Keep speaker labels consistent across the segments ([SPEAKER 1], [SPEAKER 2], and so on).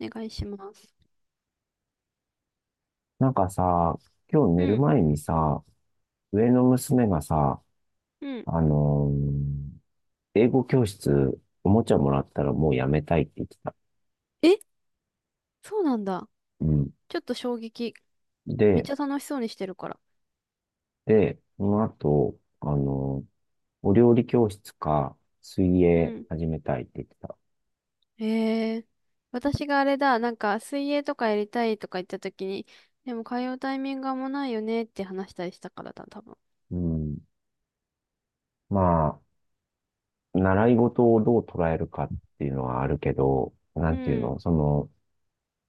[SPEAKER 1] お願いします。
[SPEAKER 2] なんかさ、今日
[SPEAKER 1] う
[SPEAKER 2] 寝る
[SPEAKER 1] ん。
[SPEAKER 2] 前にさ、上の娘がさ、
[SPEAKER 1] うん。
[SPEAKER 2] あのー英語教室、おもちゃもらったらもうやめたいって言ってた。
[SPEAKER 1] え、そうなんだ。
[SPEAKER 2] うん。
[SPEAKER 1] ちょっと衝撃。めっ
[SPEAKER 2] で、
[SPEAKER 1] ちゃ楽しそうにしてるから。
[SPEAKER 2] その後、お料理教室か、水
[SPEAKER 1] う
[SPEAKER 2] 泳
[SPEAKER 1] ん。
[SPEAKER 2] 始めたいって言ってた。
[SPEAKER 1] へえ。私があれだ、なんか水泳とかやりたいとか言った時に、でも通うタイミングがもうないよねって話したりしたからだ、多分。
[SPEAKER 2] うん。まあ、習い事をどう捉えるかっていうのはあるけど、な
[SPEAKER 1] う
[SPEAKER 2] んていうの、
[SPEAKER 1] ん。
[SPEAKER 2] その、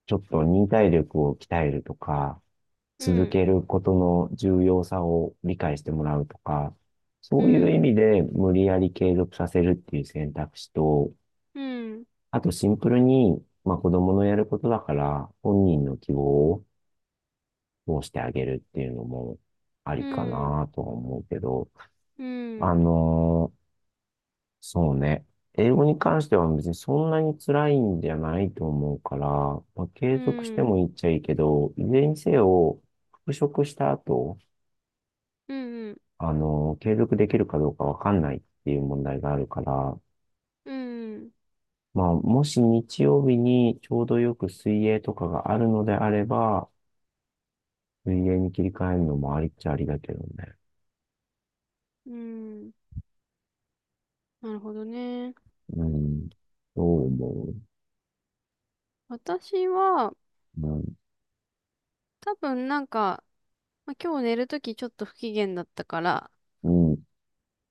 [SPEAKER 2] ちょっと忍耐力を鍛えるとか、
[SPEAKER 1] う
[SPEAKER 2] 続
[SPEAKER 1] ん。
[SPEAKER 2] けることの重要さを理解してもらうとか、
[SPEAKER 1] う
[SPEAKER 2] そういう
[SPEAKER 1] ん。
[SPEAKER 2] 意味で無理やり継続させるっていう選択肢と、
[SPEAKER 1] うん。
[SPEAKER 2] あとシンプルに、まあ子供のやることだから本人の希望を通してあげるっていうのもあ
[SPEAKER 1] う
[SPEAKER 2] りか
[SPEAKER 1] ん。
[SPEAKER 2] なとは思うけど、
[SPEAKER 1] う
[SPEAKER 2] あ
[SPEAKER 1] ん。
[SPEAKER 2] のーそうね。英語に関しては別にそんなに辛いんじゃないと思うから、まあ、
[SPEAKER 1] う
[SPEAKER 2] 継続して
[SPEAKER 1] ん。
[SPEAKER 2] もいいっちゃいいけど、いずれにせよ、復職した後、
[SPEAKER 1] うん。
[SPEAKER 2] あの、継続できるかどうかわかんないっていう問題があるから、
[SPEAKER 1] うん。
[SPEAKER 2] まあ、もし日曜日にちょうどよく水泳とかがあるのであれば、水泳に切り替えるのもありっちゃありだけどね。
[SPEAKER 1] うん。なるほどね。
[SPEAKER 2] うん。どう思う？
[SPEAKER 1] 私は、
[SPEAKER 2] う
[SPEAKER 1] 多分なんか、まあ、今日寝るときちょっと不機嫌だったから、
[SPEAKER 2] ん。うん。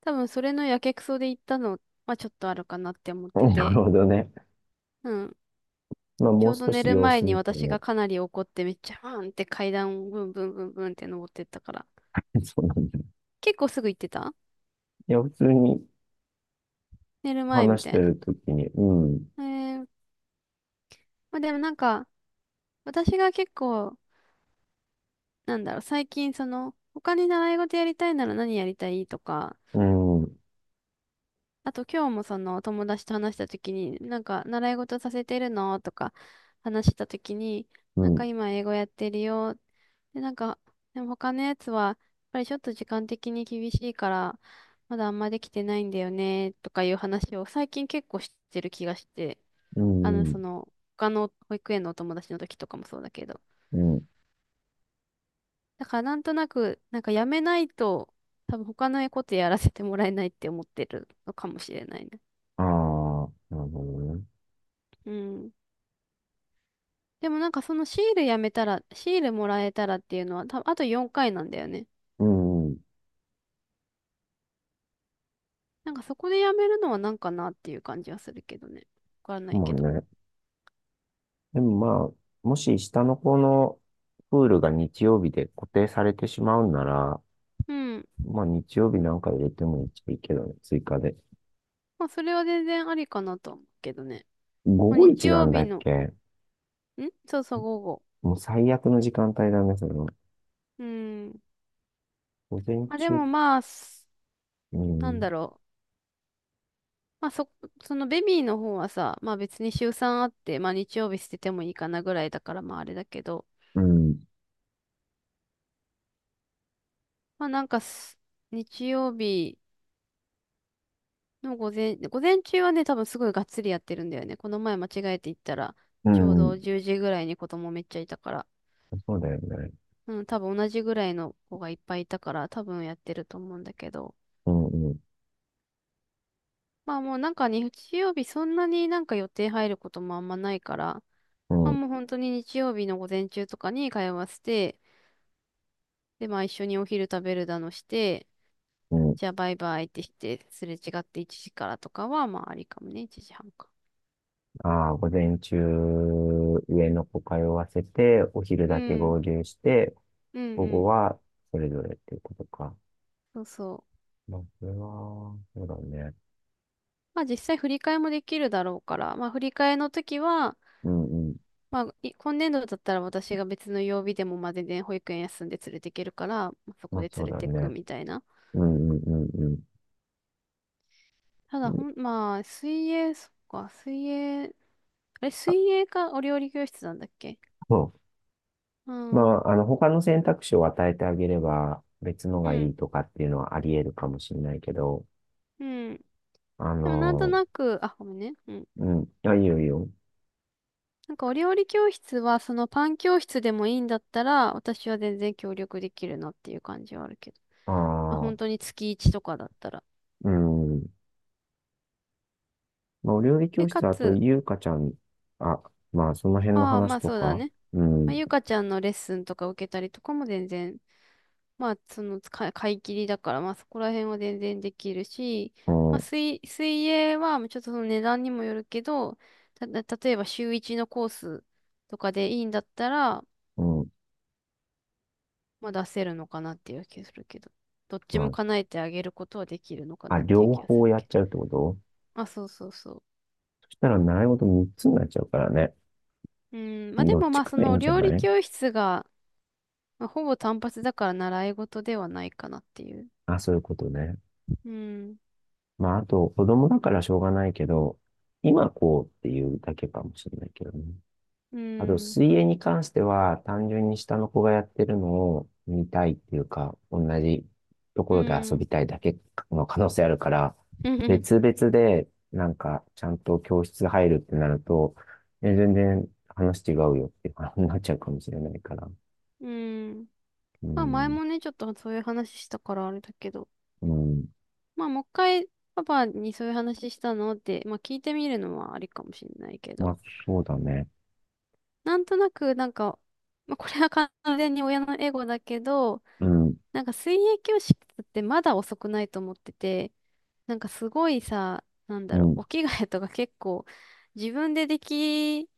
[SPEAKER 1] 多分それのやけくそで行ったのはちょっとあるかなって思っ て
[SPEAKER 2] な
[SPEAKER 1] て。
[SPEAKER 2] るほどね。
[SPEAKER 1] うん。
[SPEAKER 2] まあ、
[SPEAKER 1] ち
[SPEAKER 2] も
[SPEAKER 1] ょ
[SPEAKER 2] う
[SPEAKER 1] うど
[SPEAKER 2] 少
[SPEAKER 1] 寝
[SPEAKER 2] し
[SPEAKER 1] る
[SPEAKER 2] 様
[SPEAKER 1] 前
[SPEAKER 2] 子
[SPEAKER 1] に
[SPEAKER 2] 見て
[SPEAKER 1] 私
[SPEAKER 2] も。
[SPEAKER 1] がかなり怒ってめっちゃバーンって階段をブンブンブンブンって登ってったから。
[SPEAKER 2] そうなんだ。
[SPEAKER 1] 結構すぐ行ってた
[SPEAKER 2] いや、普通に
[SPEAKER 1] 寝る前み
[SPEAKER 2] 話し
[SPEAKER 1] た
[SPEAKER 2] て
[SPEAKER 1] いな。
[SPEAKER 2] るときに、うん、
[SPEAKER 1] えー、まあ、でもなんか私が結構なんだろう、最近その他に習い事やりたいなら何やりたいとか、
[SPEAKER 2] うん、うん、
[SPEAKER 1] あと今日もその友達と話した時に、なんか習い事させてるのとか話した時に、
[SPEAKER 2] う
[SPEAKER 1] なん
[SPEAKER 2] ん、
[SPEAKER 1] か今英語やってるよ。で、なんか、でも他のやつは、やっぱりちょっと時間的に厳しいから、まだあんまできてないんだよね、とかいう話を最近結構してる気がして、
[SPEAKER 2] う
[SPEAKER 1] あの、
[SPEAKER 2] ん。
[SPEAKER 1] その、他の保育園のお友達の時とかもそうだけど。
[SPEAKER 2] うん。
[SPEAKER 1] だからなんとなく、なんかやめないと、多分他のことやらせてもらえないって思ってるのかもしれないね。
[SPEAKER 2] ああ、なるほどね。
[SPEAKER 1] うん。でもなんかそのシールやめたら、シールもらえたらっていうのは、あと4回なんだよね。
[SPEAKER 2] うん、うん。
[SPEAKER 1] なんかそこでやめるのはなんかなっていう感じはするけどね。わからない
[SPEAKER 2] まあ
[SPEAKER 1] けど。
[SPEAKER 2] ね。でもまあ、もし下の子のプールが日曜日で固定されてしまうんなら、
[SPEAKER 1] うん。
[SPEAKER 2] まあ日曜日なんか入れてもいいけどね、追加で。
[SPEAKER 1] まあそれは全然ありかなと思うけどね。
[SPEAKER 2] 午
[SPEAKER 1] まあ、
[SPEAKER 2] 後
[SPEAKER 1] 日
[SPEAKER 2] 一な
[SPEAKER 1] 曜
[SPEAKER 2] んだ
[SPEAKER 1] 日
[SPEAKER 2] っ
[SPEAKER 1] の、
[SPEAKER 2] け？
[SPEAKER 1] んそうそう、午後。
[SPEAKER 2] もう最悪の時間帯だね、その。
[SPEAKER 1] うん。
[SPEAKER 2] 午前
[SPEAKER 1] まあで
[SPEAKER 2] 中、
[SPEAKER 1] もまあ、す
[SPEAKER 2] う
[SPEAKER 1] なん
[SPEAKER 2] ん、
[SPEAKER 1] だろう。まあそ、そのベビーの方はさ、まあ別に週3あって、まあ日曜日捨ててもいいかなぐらいだからまああれだけど、
[SPEAKER 2] うん、
[SPEAKER 1] まあなんかす、日曜日、の午前、午前中はね、多分すごいがっつりやってるんだよね。この前間違えて行ったら、
[SPEAKER 2] う
[SPEAKER 1] ちょう
[SPEAKER 2] ん、
[SPEAKER 1] ど10時ぐらいに子供めっちゃいたから、
[SPEAKER 2] そうだよね。
[SPEAKER 1] うん、多分同じぐらいの子がいっぱいいたから、多分やってると思うんだけど。
[SPEAKER 2] うん、うん、
[SPEAKER 1] まあもうなんかね、日曜日そんなになんか予定入ることもあんまないから、
[SPEAKER 2] う
[SPEAKER 1] まあ
[SPEAKER 2] ん、
[SPEAKER 1] もう本当に日曜日の午前中とかに通わせて、でまあ一緒にお昼食べるだのして、
[SPEAKER 2] うん。
[SPEAKER 1] じゃあバイバイってして、すれ違って1時からとかはまあありかもね、1時半か。
[SPEAKER 2] ああ、午前中、上の子通わせて、お昼
[SPEAKER 1] う
[SPEAKER 2] だけ
[SPEAKER 1] ん、
[SPEAKER 2] 合流して、
[SPEAKER 1] うん
[SPEAKER 2] 午
[SPEAKER 1] う
[SPEAKER 2] 後
[SPEAKER 1] ん。
[SPEAKER 2] はそれぞれっていうことか。
[SPEAKER 1] そうそう。
[SPEAKER 2] まあ、それは、そうだね。
[SPEAKER 1] まあ実際振り替えもできるだろうから、まあ振り替えの時は、
[SPEAKER 2] うんうん。
[SPEAKER 1] まあ今年度だったら私が別の曜日でもまあ全然保育園休んで連れて行けるから、まあそ
[SPEAKER 2] ま
[SPEAKER 1] こ
[SPEAKER 2] あ
[SPEAKER 1] で
[SPEAKER 2] そ
[SPEAKER 1] 連
[SPEAKER 2] う
[SPEAKER 1] れ
[SPEAKER 2] だ
[SPEAKER 1] てく
[SPEAKER 2] ね。
[SPEAKER 1] みたいな。
[SPEAKER 2] うんうんうん
[SPEAKER 1] た
[SPEAKER 2] う
[SPEAKER 1] だ
[SPEAKER 2] ん。
[SPEAKER 1] まあ水泳、そっか、水泳、あれ水泳かお料理教室なんだっけ？
[SPEAKER 2] そ
[SPEAKER 1] う
[SPEAKER 2] う。ま
[SPEAKER 1] ん、う
[SPEAKER 2] あ、あの、他の選択肢を与えてあげれば、別のがい
[SPEAKER 1] ん、
[SPEAKER 2] いとかっていうのはあり得るかもしれないけど、
[SPEAKER 1] うん。
[SPEAKER 2] あ
[SPEAKER 1] でもなんと
[SPEAKER 2] の、
[SPEAKER 1] なく、あ、ごめんね。うん。
[SPEAKER 2] うん。あ、いいよいいよ。
[SPEAKER 1] なんかお料理教室はそのパン教室でもいいんだったら、私は全然協力できるなっていう感じはあるけど。
[SPEAKER 2] あ
[SPEAKER 1] まあ
[SPEAKER 2] あ、
[SPEAKER 1] 本当に月1とかだったら。
[SPEAKER 2] うん。まあ、お料理
[SPEAKER 1] で、
[SPEAKER 2] 教
[SPEAKER 1] か
[SPEAKER 2] 室、あと、
[SPEAKER 1] つ、
[SPEAKER 2] ゆうかちゃん、あ、まあ、その辺の
[SPEAKER 1] ああ、
[SPEAKER 2] 話
[SPEAKER 1] まあ
[SPEAKER 2] と
[SPEAKER 1] そうだ
[SPEAKER 2] か、
[SPEAKER 1] ね。
[SPEAKER 2] う
[SPEAKER 1] まあ、
[SPEAKER 2] ん、
[SPEAKER 1] ゆかちゃんのレッスンとか受けたりとかも全然、まあその使い、買い切りだから、まあそこら辺は全然できるし、
[SPEAKER 2] う
[SPEAKER 1] まあ
[SPEAKER 2] ん、
[SPEAKER 1] 水、水泳はちょっとその値段にもよるけど、た、例えば週一のコースとかでいいんだったら、
[SPEAKER 2] うん、
[SPEAKER 1] まあ出せるのかなっていう気がするけど、どっち
[SPEAKER 2] ま
[SPEAKER 1] も叶えてあげることはできるのか
[SPEAKER 2] あ、
[SPEAKER 1] な
[SPEAKER 2] あ、
[SPEAKER 1] っていう
[SPEAKER 2] 両
[SPEAKER 1] 気がす
[SPEAKER 2] 方
[SPEAKER 1] る
[SPEAKER 2] やっ
[SPEAKER 1] けど。
[SPEAKER 2] ちゃうってこと？
[SPEAKER 1] まあそうそうそ
[SPEAKER 2] そしたら習い事3つになっちゃうからね。
[SPEAKER 1] う。うん、まあで
[SPEAKER 2] どっ
[SPEAKER 1] もま
[SPEAKER 2] ち
[SPEAKER 1] あ
[SPEAKER 2] か
[SPEAKER 1] そ
[SPEAKER 2] でいい
[SPEAKER 1] の
[SPEAKER 2] んじゃ
[SPEAKER 1] 料理
[SPEAKER 2] ない？
[SPEAKER 1] 教室が、まあ、ほぼ単発だから習い事ではないかなっていう。
[SPEAKER 2] あ、そういうことね。
[SPEAKER 1] うん
[SPEAKER 2] まあ、あと、子供だからしょうがないけど、今こうっていうだけかもしれないけどね。
[SPEAKER 1] う
[SPEAKER 2] あと、
[SPEAKER 1] ん。
[SPEAKER 2] 水泳に関しては、単純に下の子がやってるのを見たいっていうか、同じと
[SPEAKER 1] う
[SPEAKER 2] ころで遊
[SPEAKER 1] ん。
[SPEAKER 2] びたいだけの可能性あるから、
[SPEAKER 1] うん。
[SPEAKER 2] 別 々で、なんか、ちゃんと教室入るってなると、え全然話違うよっていう話になっちゃうかもしれないから。
[SPEAKER 1] うん、
[SPEAKER 2] う
[SPEAKER 1] まあ前
[SPEAKER 2] ん、
[SPEAKER 1] もね、ちょっとそういう話したからあれだけど、
[SPEAKER 2] うん、
[SPEAKER 1] まあもう一回パパにそういう話したのって、まあ聞いてみるのはありかもしれないけ
[SPEAKER 2] まあ、
[SPEAKER 1] ど、
[SPEAKER 2] そうだね。
[SPEAKER 1] なんとなくなんか、まあこれは完全に親のエゴだけど、
[SPEAKER 2] うん、
[SPEAKER 1] なんか水泳教室ってまだ遅くないと思ってて、なんかすごいさ、なん
[SPEAKER 2] う
[SPEAKER 1] だろう、
[SPEAKER 2] ん。
[SPEAKER 1] お着替えとか結構自分ででき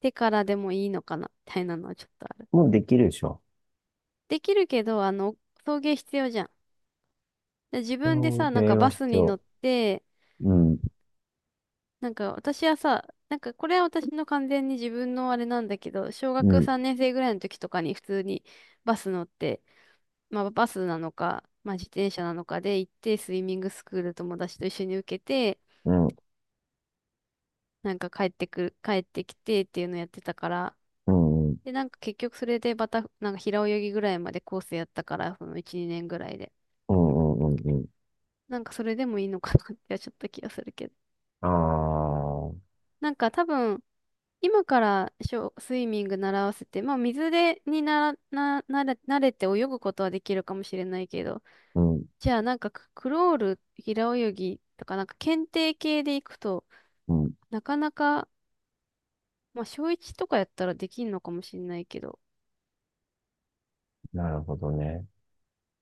[SPEAKER 1] てからでもいいのかな、みたいなのはちょっとある。
[SPEAKER 2] もうできるでしょ。
[SPEAKER 1] できるけど、あの、送迎必要じゃん。で、自分で
[SPEAKER 2] そ
[SPEAKER 1] さ、なんか
[SPEAKER 2] れは
[SPEAKER 1] バス
[SPEAKER 2] 必
[SPEAKER 1] に乗
[SPEAKER 2] 要。
[SPEAKER 1] って、
[SPEAKER 2] うん、
[SPEAKER 1] なんか私はさ、なんかこれは私の完全に自分のあれなんだけど、小
[SPEAKER 2] う
[SPEAKER 1] 学
[SPEAKER 2] ん、
[SPEAKER 1] 3年生ぐらいの時とかに普通にバス乗って、まあバスなのか、まあ自転車なのかで行って、スイミングスクール友達と一緒に受けて、
[SPEAKER 2] うん、
[SPEAKER 1] なんか帰ってくる、帰ってきてっていうのやってたから、
[SPEAKER 2] うん、うん、うん、
[SPEAKER 1] で、なんか結局それでまた、なんか平泳ぎぐらいまでコースやったから、その1、2年ぐらいで。
[SPEAKER 2] うん、うん。
[SPEAKER 1] なんかそれでもいいのかなってちょっと気がするけど。
[SPEAKER 2] ああ、
[SPEAKER 1] なんか多分、今からショースイミング習わせて、まあ水で、になな、なれ、慣れて泳ぐことはできるかもしれないけど、
[SPEAKER 2] うん、
[SPEAKER 1] じゃあなんかクロール、平泳ぎとかなんか検定系で行くと、
[SPEAKER 2] うん。
[SPEAKER 1] なかなか、まあ小1とかやったらできんのかもしれないけど、
[SPEAKER 2] なるほどね。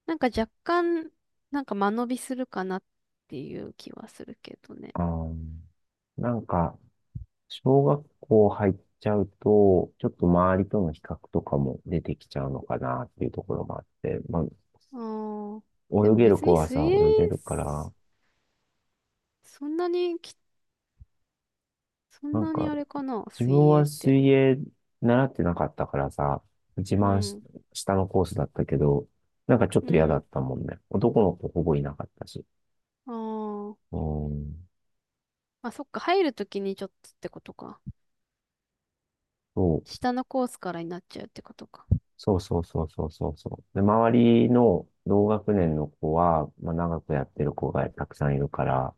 [SPEAKER 1] なんか若干、なんか間延びするかなっていう気はするけどね。
[SPEAKER 2] ああ、なんか、小学校入っちゃうと、ちょっと周りとの比較とかも出てきちゃうのかなっていうところもあって、まあ、
[SPEAKER 1] あーで
[SPEAKER 2] 泳
[SPEAKER 1] も
[SPEAKER 2] げる
[SPEAKER 1] 別
[SPEAKER 2] 子
[SPEAKER 1] に
[SPEAKER 2] は
[SPEAKER 1] 水
[SPEAKER 2] さ、
[SPEAKER 1] 泳、
[SPEAKER 2] 泳げるから、
[SPEAKER 1] そんなにき、そ
[SPEAKER 2] な
[SPEAKER 1] ん
[SPEAKER 2] ん
[SPEAKER 1] なに
[SPEAKER 2] か、
[SPEAKER 1] あれかな、
[SPEAKER 2] 自分
[SPEAKER 1] 水泳
[SPEAKER 2] は
[SPEAKER 1] って。
[SPEAKER 2] 水泳習ってなかったからさ、一
[SPEAKER 1] う
[SPEAKER 2] 番し
[SPEAKER 1] ん
[SPEAKER 2] 下のコースだったけど、なんかちょっ
[SPEAKER 1] う
[SPEAKER 2] と嫌だ
[SPEAKER 1] ん。
[SPEAKER 2] ったもんね。男の子ほぼいなかったし。
[SPEAKER 1] あ
[SPEAKER 2] うん。
[SPEAKER 1] あ。あ、そっか。入るときにちょっとってことか。
[SPEAKER 2] そう、
[SPEAKER 1] 下のコースからになっちゃうってことか。
[SPEAKER 2] そうそうそうそうそうそう。で、周りの同学年の子は、まあ、長くやってる子がたくさんいるから、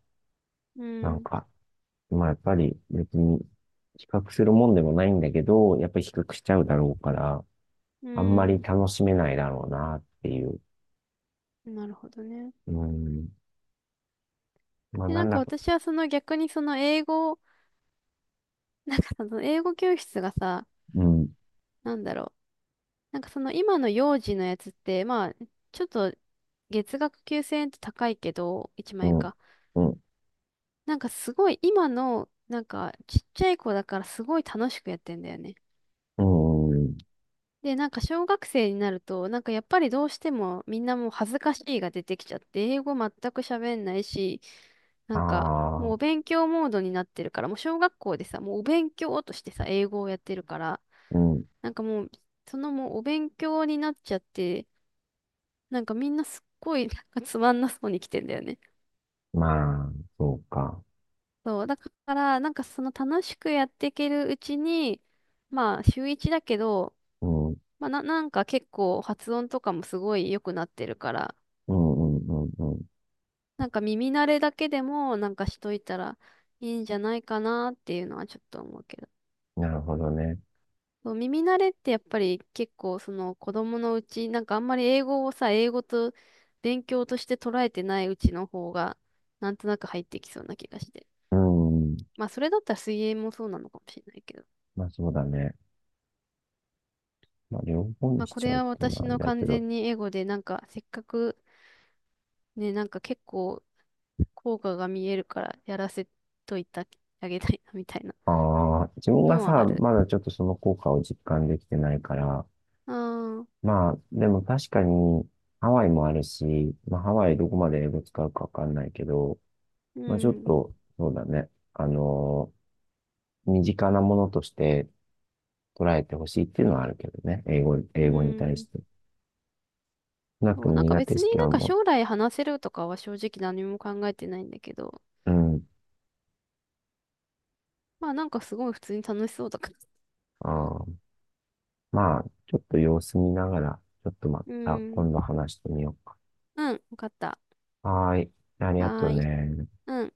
[SPEAKER 1] う
[SPEAKER 2] なん
[SPEAKER 1] ん。
[SPEAKER 2] か、まあ、やっぱり別に比較するもんでもないんだけど、やっぱり比較しちゃうだろうから、
[SPEAKER 1] う
[SPEAKER 2] あんまり
[SPEAKER 1] ん。
[SPEAKER 2] 楽しめないだろうなっていう。
[SPEAKER 1] なるほどね。
[SPEAKER 2] うん。まあ、
[SPEAKER 1] で、
[SPEAKER 2] な
[SPEAKER 1] な
[SPEAKER 2] ん
[SPEAKER 1] んか
[SPEAKER 2] だか、
[SPEAKER 1] 私はその逆にその英語、その英語教室がさ、
[SPEAKER 2] うん、
[SPEAKER 1] なんだろう。なんかその今の幼児のやつって、まあ、ちょっと月額9000円って高いけど、1
[SPEAKER 2] う
[SPEAKER 1] 万円
[SPEAKER 2] ん、
[SPEAKER 1] か。
[SPEAKER 2] うん、
[SPEAKER 1] なんかすごい今の、なんかちっちゃい子だからすごい楽しくやってんだよね。
[SPEAKER 2] うん、うん。
[SPEAKER 1] で、なんか小学生になると、なんかやっぱりどうしてもみんなもう恥ずかしいが出てきちゃって、英語全く喋んないし、なんか
[SPEAKER 2] あ
[SPEAKER 1] もう
[SPEAKER 2] あ、
[SPEAKER 1] お勉強モードになってるから、もう小学校でさ、もうお勉強としてさ、英語をやってるから、
[SPEAKER 2] うん。
[SPEAKER 1] なんかもう、そのもうお勉強になっちゃって、なんかみんなすっごいなんかつまんなそうに来てんだよね。
[SPEAKER 2] まあ、そうか。
[SPEAKER 1] そう、だから、なんかその楽しくやっていけるうちに、まあ週一だけど、
[SPEAKER 2] うん、うん、
[SPEAKER 1] まあな、なんか結構発音とかもすごい良くなってるから、
[SPEAKER 2] うん、うん、うん。
[SPEAKER 1] なんか耳慣れだけでもなんかしといたらいいんじゃないかなっていうのはちょっと思うけど。
[SPEAKER 2] なるほどね。
[SPEAKER 1] そう耳慣れってやっぱり結構その子供のうち、なんかあんまり英語をさ、英語と勉強として捉えてないうちの方がなんとなく入ってきそうな気がして。
[SPEAKER 2] うん。
[SPEAKER 1] まあそれだったら水泳もそうなのかもしれないけど。
[SPEAKER 2] まあ、そうだね。まあ、両方に
[SPEAKER 1] まあ
[SPEAKER 2] し
[SPEAKER 1] こ
[SPEAKER 2] ちゃ
[SPEAKER 1] れ
[SPEAKER 2] うっ
[SPEAKER 1] は
[SPEAKER 2] ていうの
[SPEAKER 1] 私
[SPEAKER 2] はあれ
[SPEAKER 1] の
[SPEAKER 2] だけ
[SPEAKER 1] 完
[SPEAKER 2] ど、
[SPEAKER 1] 全にエゴでなんかせっかくね、なんか結構効果が見えるからやらせといてあげたいなみたいな
[SPEAKER 2] ああ、自分が
[SPEAKER 1] のは
[SPEAKER 2] さ、
[SPEAKER 1] ある。
[SPEAKER 2] まだちょっとその効果を実感できてないから、
[SPEAKER 1] ああ、
[SPEAKER 2] まあ、でも確かに、ハワイもあるし、まあ、ハワイどこまで英語使うかわかんないけど、
[SPEAKER 1] う
[SPEAKER 2] まあ、ちょっ
[SPEAKER 1] ん。
[SPEAKER 2] と、そうだね、身近なものとして捉えてほしいっていうのはあるけどね、英語、
[SPEAKER 1] う
[SPEAKER 2] 英語に対し
[SPEAKER 1] ん。
[SPEAKER 2] て。少なく
[SPEAKER 1] そ
[SPEAKER 2] と
[SPEAKER 1] う、
[SPEAKER 2] も
[SPEAKER 1] なんか
[SPEAKER 2] 苦手
[SPEAKER 1] 別
[SPEAKER 2] 意
[SPEAKER 1] に
[SPEAKER 2] 識
[SPEAKER 1] な
[SPEAKER 2] は
[SPEAKER 1] んか
[SPEAKER 2] も
[SPEAKER 1] 将来話せるとかは正直何も考えてないんだけど、
[SPEAKER 2] う、うん、
[SPEAKER 1] まあなんかすごい普通に楽しそうだから。
[SPEAKER 2] あー、まあ、ちょっと様子見ながら、ちょっとま
[SPEAKER 1] う
[SPEAKER 2] た
[SPEAKER 1] ん。
[SPEAKER 2] 今度話してみようか。
[SPEAKER 1] うん、わかった。
[SPEAKER 2] はーい。ありがと
[SPEAKER 1] はー
[SPEAKER 2] う
[SPEAKER 1] い。
[SPEAKER 2] ね。
[SPEAKER 1] うん。